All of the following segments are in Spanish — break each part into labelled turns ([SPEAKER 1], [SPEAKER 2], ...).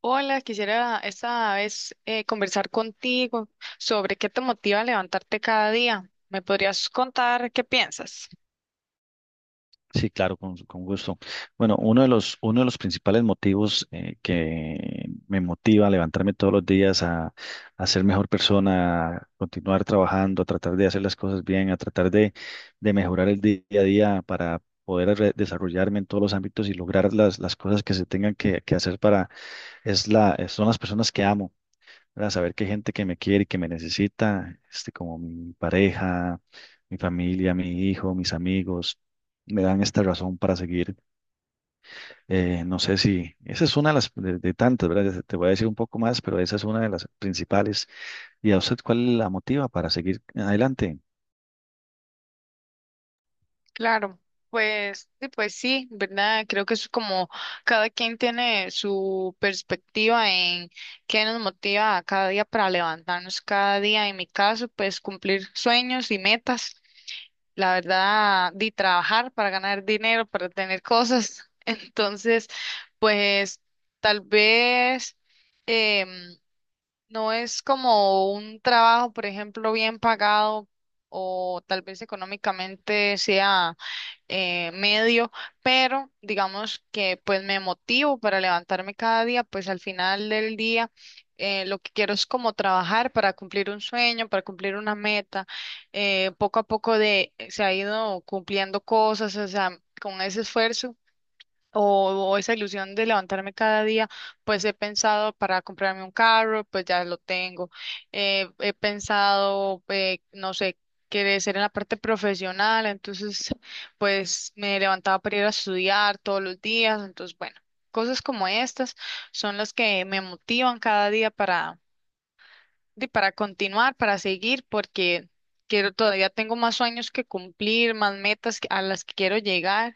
[SPEAKER 1] Hola, quisiera esta vez conversar contigo sobre qué te motiva a levantarte cada día. ¿Me podrías contar qué piensas?
[SPEAKER 2] Sí, claro, con gusto. Bueno, uno de los principales motivos, que me motiva a levantarme todos los días a ser mejor persona, a continuar trabajando, a tratar de hacer las cosas bien, a tratar de mejorar el día a día para poder desarrollarme en todos los ámbitos y lograr las cosas que se tengan que hacer para, es la, son las personas que amo, ¿verdad? Saber que hay gente que me quiere y que me necesita, este, como mi pareja, mi familia, mi hijo, mis amigos, me dan esta razón para seguir. No sé si, esa es una de las de tantas, ¿verdad? Ya te voy a decir un poco más, pero esa es una de las principales. ¿Y a usted cuál la motiva para seguir adelante?
[SPEAKER 1] Claro, pues sí, ¿verdad? Creo que es como cada quien tiene su perspectiva en qué nos motiva a cada día para levantarnos cada día. En mi caso, pues cumplir sueños y metas. La verdad, de trabajar para ganar dinero, para tener cosas. Entonces, pues tal vez em, no es como un trabajo, por ejemplo, bien pagado o tal vez económicamente sea medio, pero digamos que pues me motivo para levantarme cada día, pues al final del día lo que quiero es como trabajar para cumplir un sueño, para cumplir una meta, poco a poco se ha ido cumpliendo cosas, o sea, con ese esfuerzo o esa ilusión de levantarme cada día, pues he pensado para comprarme un carro, pues ya lo tengo. He pensado, no sé, crecer en la parte profesional, entonces pues me levantaba para ir a estudiar todos los días, entonces bueno, cosas como estas son las que me motivan cada día para, para continuar, para seguir, porque quiero, todavía tengo más sueños que cumplir, más metas a las que quiero llegar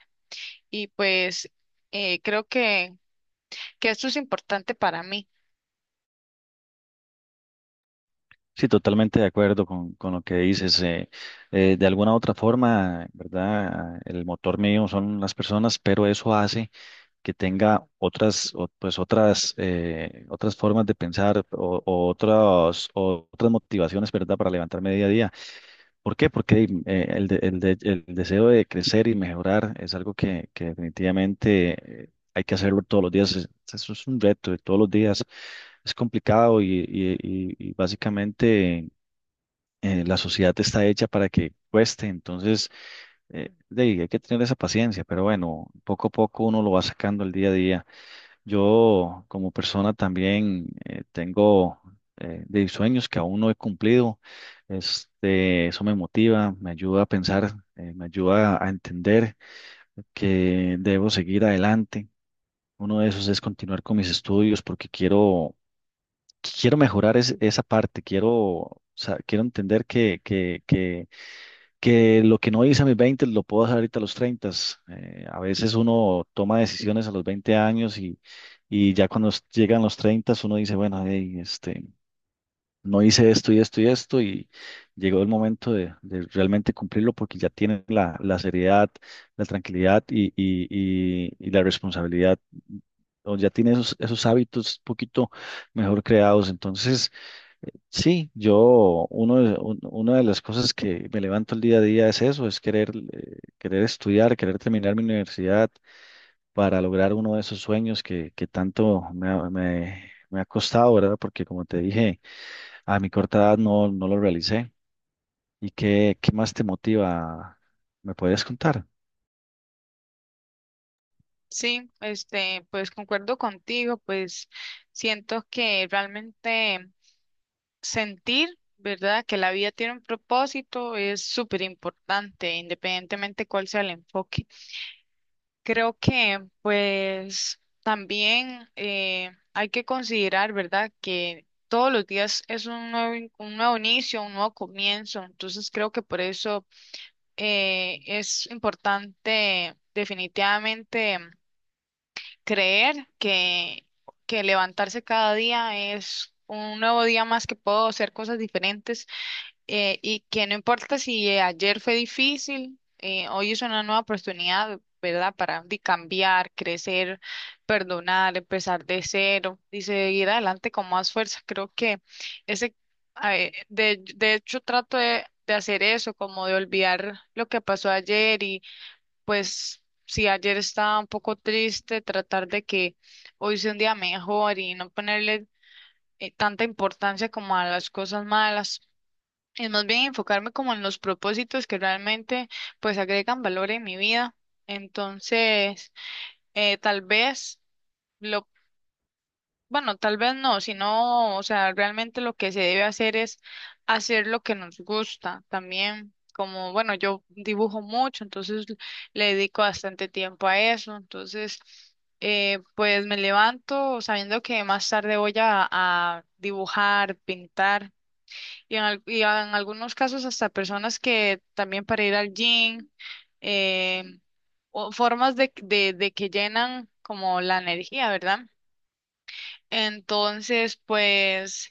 [SPEAKER 1] y pues creo que esto es importante para mí.
[SPEAKER 2] Sí, totalmente de acuerdo con lo que dices. De alguna u otra forma, ¿verdad? El motor mío son las personas, pero eso hace que tenga otras, pues otras, otras formas de pensar o otras motivaciones, ¿verdad? Para levantarme día a día. ¿Por qué? Porque el, el deseo de crecer y mejorar es algo que definitivamente, hay que hacerlo todos los días. Eso es un reto de todos los días. Es complicado y, y básicamente, la sociedad está hecha para que cueste. Entonces, de ahí hay que tener esa paciencia, pero bueno, poco a poco uno lo va sacando el día a día. Yo como persona también, tengo, de sueños que aún no he cumplido. Este, eso me motiva, me ayuda a pensar, me ayuda a entender que debo seguir adelante. Uno de esos es continuar con mis estudios porque quiero mejorar esa parte, quiero entender que lo que no hice a mis 20 lo puedo hacer ahorita a los 30. A veces uno toma decisiones a los 20 años y ya cuando llegan los 30, uno dice, bueno, hey, este, no hice esto y esto y esto y llegó el momento de realmente cumplirlo porque ya tiene la seriedad, la tranquilidad y la responsabilidad. O ya tiene esos hábitos un poquito mejor creados. Entonces, sí, yo, uno, de- un- una de las cosas que me levanto el día a día es eso, es querer, querer estudiar, querer terminar mi universidad para lograr uno de esos sueños que tanto me ha costado, ¿verdad? Porque como te dije, a mi corta edad, no, no lo realicé. ¿Y qué, qué más te motiva? ¿Me puedes contar?
[SPEAKER 1] Sí, este, pues concuerdo contigo, pues siento que realmente sentir, ¿verdad? Que la vida tiene un propósito es súper importante, independientemente cuál sea el enfoque. Creo que pues también hay que considerar, ¿verdad? Que todos los días es un nuevo, un nuevo inicio, un nuevo comienzo. Entonces creo que por eso es importante definitivamente. Creer que levantarse cada día es un nuevo día más que puedo hacer cosas diferentes, y que no importa si ayer fue difícil, hoy es una nueva oportunidad, ¿verdad? Para cambiar, crecer, perdonar, empezar de cero y seguir adelante con más fuerza. Creo que ese, a ver, de hecho, trato de hacer eso, como de olvidar lo que pasó ayer, pues si ayer estaba un poco triste, tratar de que hoy sea un día mejor y no ponerle tanta importancia como a las cosas malas. Es más bien enfocarme como en los propósitos que realmente pues agregan valor en mi vida. Entonces, tal vez lo bueno, tal vez no, sino, o sea, realmente lo que se debe hacer es hacer lo que nos gusta también. Como, bueno, yo dibujo mucho, entonces le dedico bastante tiempo a eso. Entonces, pues me levanto sabiendo que más tarde voy a dibujar, pintar, y en, y en algunos casos hasta personas que también para ir al gym, eh, o formas de, de que llenan como la energía, ¿verdad? Entonces, pues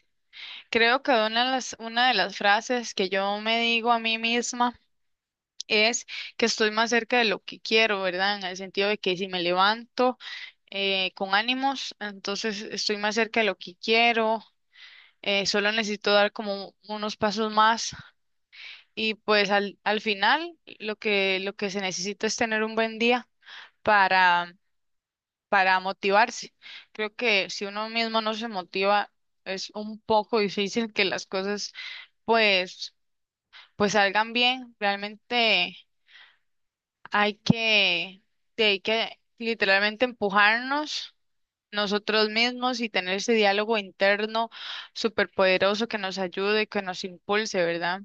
[SPEAKER 1] creo que una de las frases que yo me digo a mí misma es que estoy más cerca de lo que quiero, ¿verdad? En el sentido de que si me levanto con ánimos, entonces estoy más cerca de lo que quiero, solo necesito dar como unos pasos más y pues al, al final lo que se necesita es tener un buen día para motivarse. Creo que si uno mismo no se motiva, es un poco difícil que las cosas pues pues salgan bien. Realmente hay que sí, hay que literalmente empujarnos nosotros mismos y tener ese diálogo interno superpoderoso que nos ayude, que nos impulse, ¿verdad?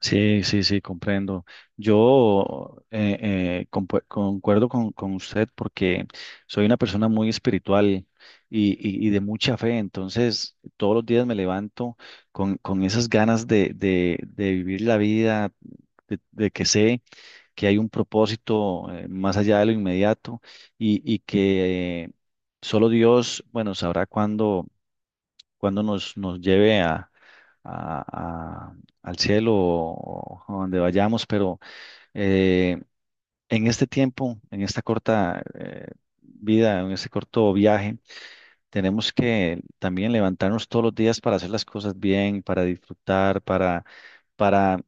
[SPEAKER 2] Sí, sí, sí, comprendo. Yo, concuerdo con usted porque soy una persona muy espiritual y, y de mucha fe, entonces todos los días me levanto con esas ganas de, de vivir la vida, de que sé que hay un propósito, más allá de lo inmediato y que, solo Dios, bueno, sabrá cuándo cuando nos, nos lleve a, a- a- al cielo o donde vayamos, pero, eh, en este tiempo, en esta corta, vida, en este corto viaje, tenemos que también levantarnos todos los días para hacer las cosas bien, para disfrutar, para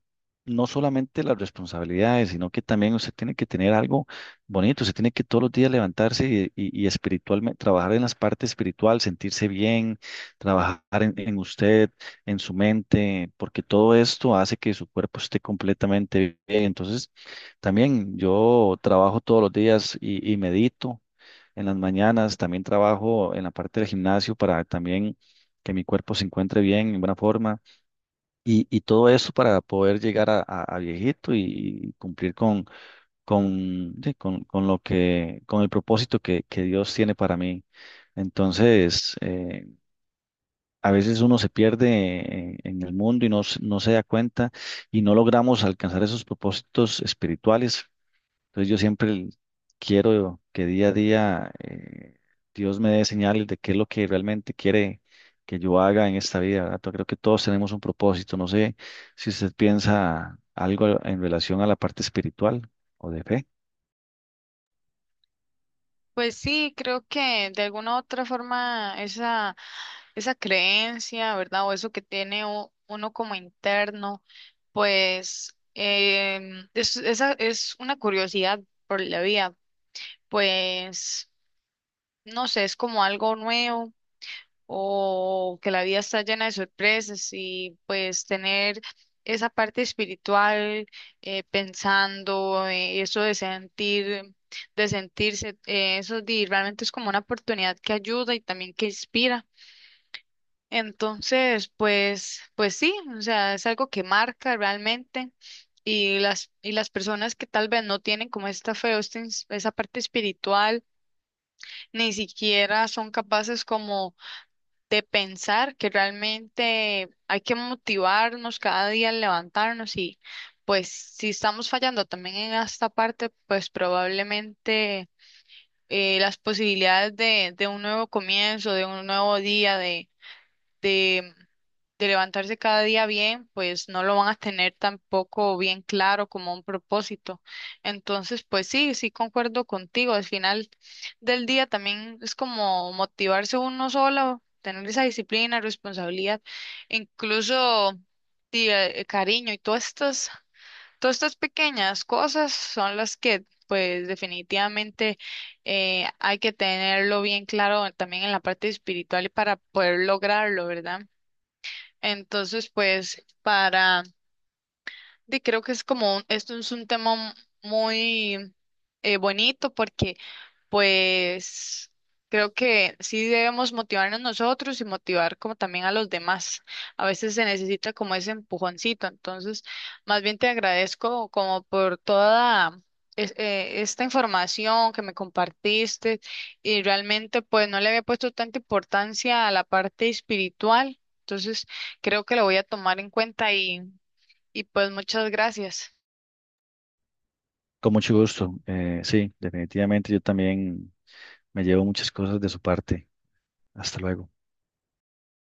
[SPEAKER 2] no solamente las responsabilidades, sino que también usted tiene que tener algo bonito, usted tiene que todos los días levantarse y, y espiritualmente, trabajar en las partes espiritual, sentirse bien, trabajar en usted, en su mente, porque todo esto hace que su cuerpo esté completamente bien. Entonces, también yo trabajo todos los días y medito en las mañanas, también trabajo en la parte del gimnasio para también que mi cuerpo se encuentre bien, en buena forma, y todo eso para poder llegar a, a viejito y cumplir con, con lo que, con el propósito que Dios tiene para mí. Entonces, a veces uno se pierde en el mundo y no, no se da cuenta y no logramos alcanzar esos propósitos espirituales, entonces yo siempre quiero que día a día, Dios me dé señales de qué es lo que realmente quiere que yo haga en esta vida, ¿verdad? Pero creo que todos tenemos un propósito. No sé si usted piensa algo en relación a la parte espiritual o de fe.
[SPEAKER 1] Pues sí, creo que de alguna u otra forma esa, esa creencia, ¿verdad? O eso que tiene uno como interno, pues es, esa es una curiosidad por la vida, pues no sé, es como algo nuevo o que la vida está llena de sorpresas y pues tener esa parte espiritual, pensando, eso de sentir, de sentirse, realmente es como una oportunidad que ayuda y también que inspira. Entonces, pues, pues sí, o sea, es algo que marca realmente y las personas que tal vez no tienen como esta fe o esta esa parte espiritual, ni siquiera son capaces como de pensar que realmente hay que motivarnos cada día al levantarnos y pues si estamos fallando también en esta parte, pues probablemente las posibilidades de un nuevo comienzo, de un nuevo día, de levantarse cada día bien, pues no lo van a tener tampoco bien claro como un propósito. Entonces, pues sí, sí concuerdo contigo. Al final del día también es como motivarse uno solo, tener esa disciplina, responsabilidad, incluso sí, cariño y todas estas pequeñas cosas son las que pues definitivamente hay que tenerlo bien claro también en la parte espiritual y para poder lograrlo, ¿verdad? Entonces, pues, para, creo que es como, esto es un tema muy bonito porque pues creo que sí debemos motivarnos nosotros y motivar como también a los demás. A veces se necesita como ese empujoncito. Entonces, más bien te agradezco como por toda esta información que me compartiste y realmente pues no le había puesto tanta importancia a la parte espiritual. Entonces, creo que lo voy a tomar en cuenta y pues muchas gracias.
[SPEAKER 2] Con mucho gusto. Sí, definitivamente yo también me llevo muchas cosas de su parte. Hasta luego.